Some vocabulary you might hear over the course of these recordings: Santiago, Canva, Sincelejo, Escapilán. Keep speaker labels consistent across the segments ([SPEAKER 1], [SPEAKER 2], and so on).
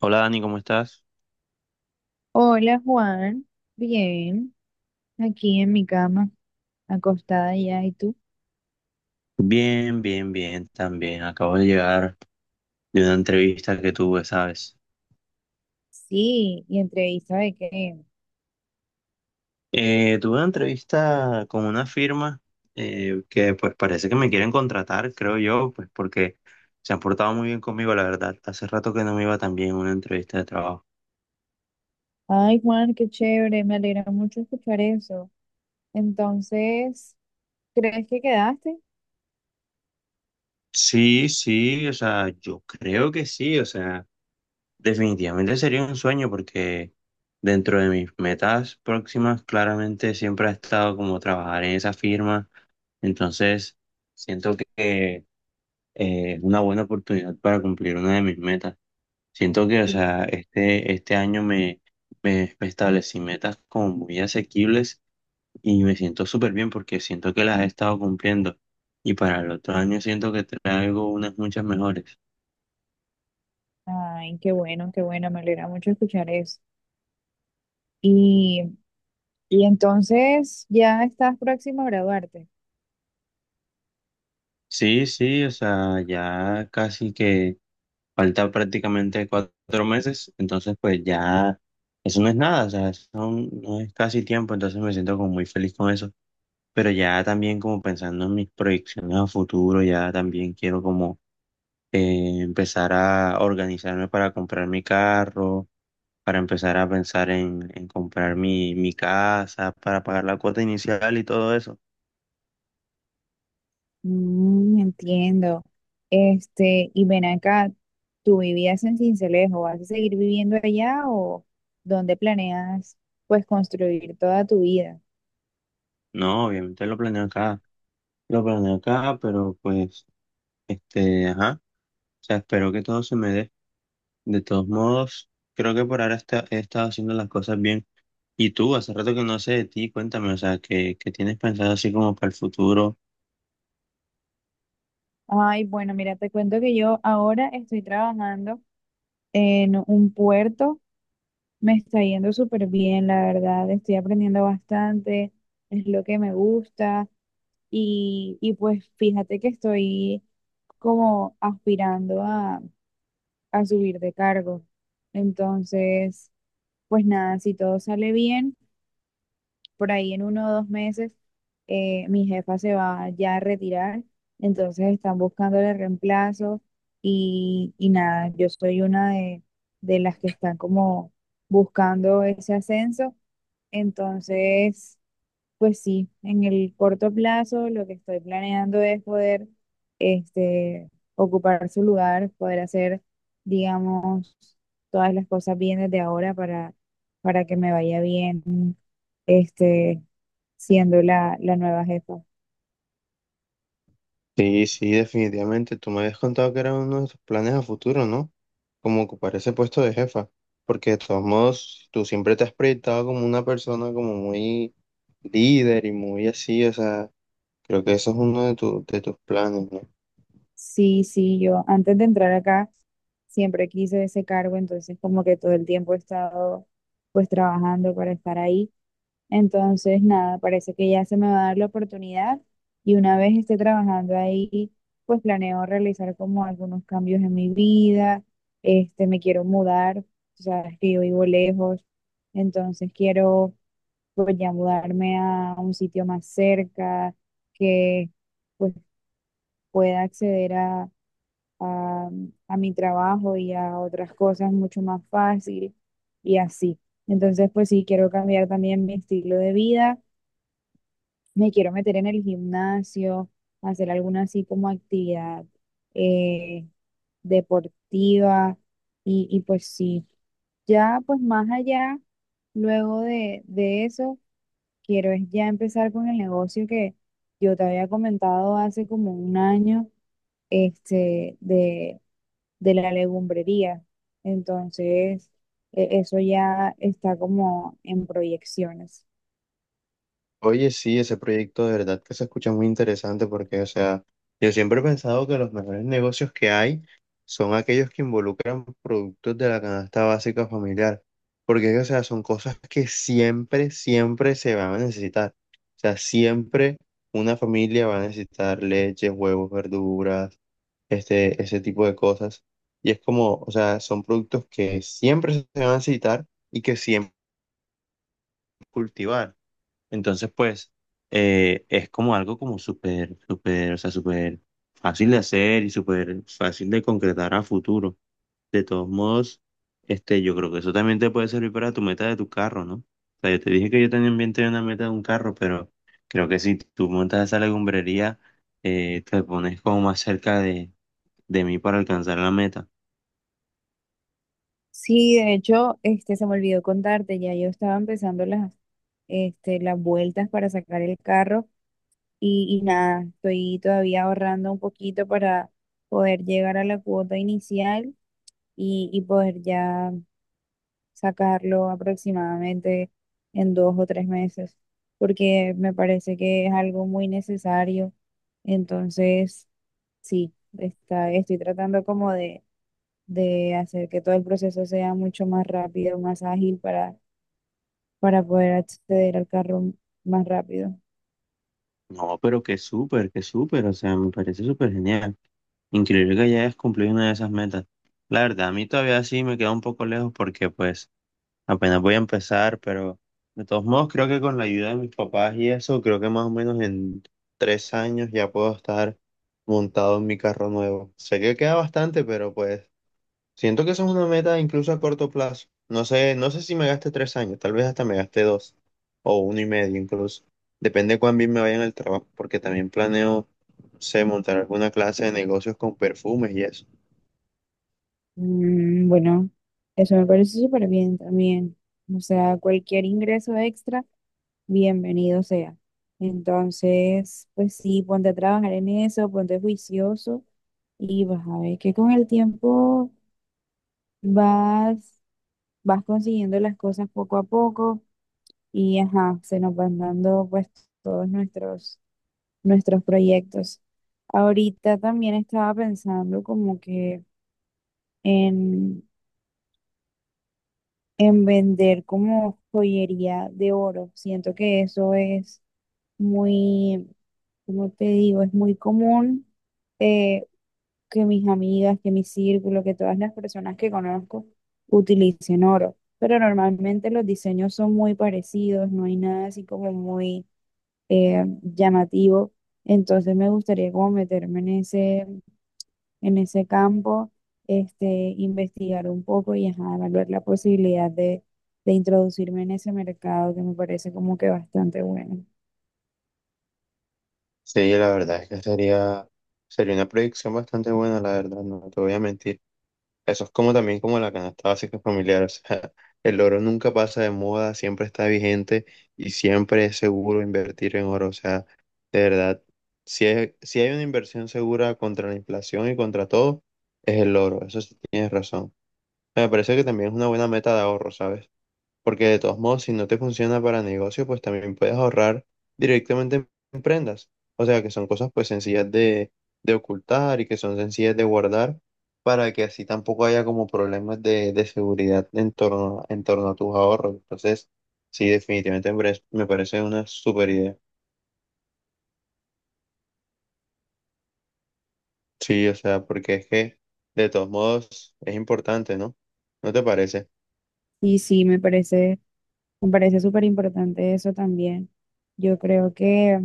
[SPEAKER 1] Hola Dani, ¿cómo estás?
[SPEAKER 2] Hola Juan, bien, aquí en mi cama, acostada ya, ¿y tú?
[SPEAKER 1] Bien, bien, bien, también. Acabo de llegar de una entrevista que tuve, ¿sabes?
[SPEAKER 2] Sí, ¿y entrevista de qué?
[SPEAKER 1] Tuve una entrevista con una firma que pues parece que me quieren contratar, creo yo, pues porque se han portado muy bien conmigo, la verdad. Hace rato que no me iba tan bien en una entrevista de trabajo.
[SPEAKER 2] Ay Juan, qué chévere, me alegra mucho escuchar eso. Entonces, ¿crees que quedaste?
[SPEAKER 1] Sí, sí, o sea, yo creo que sí, o sea, definitivamente sería un sueño porque dentro de mis metas próximas claramente siempre ha estado como trabajar en esa firma. Entonces, siento que es una buena oportunidad para cumplir una de mis metas. Siento que, o
[SPEAKER 2] Sí.
[SPEAKER 1] sea, este año me establecí metas como muy asequibles y me siento súper bien porque siento que las he estado cumpliendo. Y para el otro año siento que traigo unas muchas mejores.
[SPEAKER 2] Ay, qué bueno, me alegra mucho escuchar eso. Y, y entonces, ¿ya estás próximo a graduarte?
[SPEAKER 1] Sí, sí, o sea, ya casi que falta prácticamente 4 meses, entonces pues ya eso no es nada, o sea, eso no es casi tiempo, entonces me siento como muy feliz con eso. Pero ya también como pensando en mis proyecciones a futuro, ya también quiero como empezar a organizarme para comprar mi carro, para empezar a pensar en comprar mi casa, para pagar la cuota inicial y todo eso.
[SPEAKER 2] Mm, entiendo. Este, y ven acá, ¿tú vivías en Sincelejo? ¿Vas a seguir viviendo allá o dónde planeas pues construir toda tu vida?
[SPEAKER 1] No, obviamente lo planeo acá, pero pues, este, ajá, o sea, espero que todo se me dé. De todos modos, creo que por ahora he estado haciendo las cosas bien. Y tú, hace rato que no sé de ti, cuéntame, o sea, ¿qué tienes pensado así como para el futuro?
[SPEAKER 2] Ay, bueno, mira, te cuento que yo ahora estoy trabajando en un puerto. Me está yendo súper bien, la verdad. Estoy aprendiendo bastante, es lo que me gusta. Y pues fíjate que estoy como aspirando a subir de cargo. Entonces, pues nada, si todo sale bien, por ahí en 1 o 2 meses mi jefa se va ya a retirar, entonces están buscándole reemplazo y nada, yo soy una de las que están como buscando ese ascenso, entonces pues sí, en el corto plazo lo que estoy planeando es poder este, ocupar su lugar, poder hacer, digamos, todas las cosas bien desde ahora para que me vaya bien este, siendo la nueva jefa.
[SPEAKER 1] Sí, sí, definitivamente. Tú me habías contado que era uno de tus planes a futuro, ¿no? Como ocupar ese puesto de jefa. Porque de todos modos, tú siempre te has proyectado como una persona como muy líder y muy así. O sea, creo que eso es uno de, de tus planes, ¿no?
[SPEAKER 2] Sí, sí, yo antes de entrar acá siempre quise ese cargo, entonces como que todo el tiempo he estado pues trabajando para estar ahí. Entonces, nada, parece que ya se me va a dar la oportunidad y una vez esté trabajando ahí, pues planeo realizar como algunos cambios en mi vida, este, me quiero mudar, o sea, es que yo vivo lejos, entonces quiero pues ya mudarme a un sitio más cerca, que pues pueda acceder a, a mi trabajo y a otras cosas mucho más fácil y así. Entonces, pues sí, quiero cambiar también mi estilo de vida. Me quiero meter en el gimnasio, hacer alguna así como actividad eh, deportiva y pues sí, ya pues más allá, luego de eso, quiero es ya empezar con el negocio que yo te había comentado hace como un año, este, de la legumbrería. Entonces, eso ya está como en proyecciones.
[SPEAKER 1] Oye, sí, ese proyecto de verdad que se escucha muy interesante porque, o sea, yo siempre he pensado que los mejores negocios que hay son aquellos que involucran productos de la canasta básica familiar, porque, o sea, son cosas que siempre, siempre se van a necesitar. O sea, siempre una familia va a necesitar leche, huevos, verduras, este, ese tipo de cosas. Y es como, o sea, son productos que siempre se van a necesitar y que siempre cultivar. Entonces, pues, es como algo como súper, súper, o sea, súper fácil de hacer y súper fácil de concretar a futuro. De todos modos, este, yo creo que eso también te puede servir para tu meta de tu carro, ¿no? O sea, yo te dije que yo también tenía una meta de un carro, pero creo que si tú montas esa legumbrería, te pones como más cerca de mí para alcanzar la meta.
[SPEAKER 2] Sí, de hecho, este se me olvidó contarte, ya yo estaba empezando las, este, las vueltas para sacar el carro y nada, estoy todavía ahorrando un poquito para poder llegar a la cuota inicial y poder ya sacarlo aproximadamente en 2 o 3 meses, porque me parece que es algo muy necesario. Entonces, sí, estoy tratando como de hacer que todo el proceso sea mucho más rápido, más ágil para, poder acceder al carro más rápido.
[SPEAKER 1] No, pero que súper, o sea, me parece súper genial. Increíble que ya hayas cumplido una de esas metas. La verdad, a mí todavía sí me queda un poco lejos porque pues apenas voy a empezar, pero de todos modos creo que con la ayuda de mis papás y eso, creo que más o menos en 3 años ya puedo estar montado en mi carro nuevo. Sé que queda bastante, pero pues siento que eso es una meta incluso a corto plazo. No sé, no sé si me gaste 3 años, tal vez hasta me gaste dos o uno y medio incluso. Depende de cuán bien me vaya en el trabajo, porque también planeo, no sé, montar alguna clase de negocios con perfumes y eso.
[SPEAKER 2] Mm, bueno, eso me parece súper bien también. O sea, cualquier ingreso extra, bienvenido sea. Entonces, pues sí, ponte a trabajar en eso, ponte juicioso y vas a ver que con el tiempo vas, vas consiguiendo las cosas poco a poco y ajá, se nos van dando pues todos nuestros proyectos. Ahorita también estaba pensando como que en, en vender como joyería de oro. Siento que eso es muy, como te digo, es muy común eh, que mis amigas, que mi círculo, que todas las personas que conozco utilicen oro. Pero normalmente los diseños son muy parecidos, no hay nada así como muy llamativo. Entonces me gustaría como meterme en ese campo, este, investigar un poco y ajá, evaluar la posibilidad de introducirme en ese mercado que me parece como que bastante bueno.
[SPEAKER 1] Sí, la verdad es que sería una proyección bastante buena, la verdad, no te voy a mentir. Eso es como también como la canasta básica familiar. O sea, el oro nunca pasa de moda, siempre está vigente y siempre es seguro invertir en oro. O sea, de verdad, si hay una inversión segura contra la inflación y contra todo, es el oro. Eso sí tienes razón. Me parece que también es una buena meta de ahorro, ¿sabes? Porque de todos modos, si no te funciona para negocio, pues también puedes ahorrar directamente en prendas. O sea, que son cosas pues sencillas de ocultar y que son sencillas de guardar para que así tampoco haya como problemas de seguridad en torno a tus ahorros. Entonces, sí, definitivamente me parece una super idea. Sí, o sea, porque es que de todos modos es importante, ¿no? ¿No te parece?
[SPEAKER 2] Y sí, me parece súper importante eso también. Yo creo que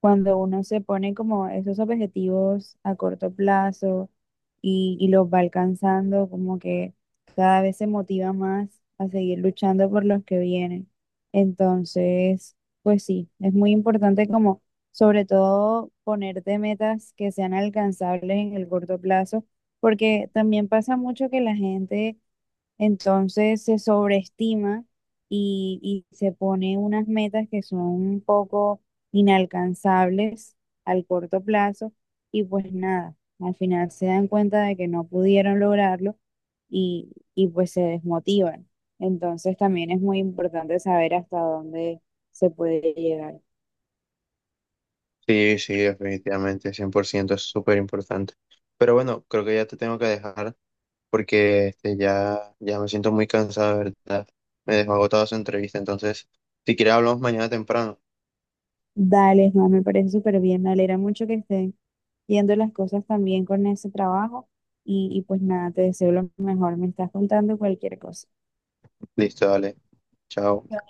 [SPEAKER 2] cuando uno se pone como esos objetivos a corto plazo y los va alcanzando, como que cada vez se motiva más a seguir luchando por los que vienen. Entonces, pues sí, es muy importante como, sobre todo, ponerte metas que sean alcanzables en el corto plazo, porque también pasa mucho que la gente entonces se sobreestima y, y se pone unas metas que son un poco inalcanzables al corto plazo y pues nada, al final se dan cuenta de que no pudieron lograrlo y pues se desmotivan. Entonces también es muy importante saber hasta dónde se puede llegar.
[SPEAKER 1] Sí, sí, definitivamente, 100% es súper importante. Pero bueno, creo que ya te tengo que dejar. Porque este, ya me siento muy cansado, de ¿verdad? Me dejó agotada su entrevista, entonces, si quieres hablamos mañana temprano.
[SPEAKER 2] Dale, Juan, me parece súper bien, me alegra mucho que estén yendo las cosas también con ese trabajo y pues nada, te deseo lo mejor, me estás contando cualquier cosa.
[SPEAKER 1] Listo, dale. Chao.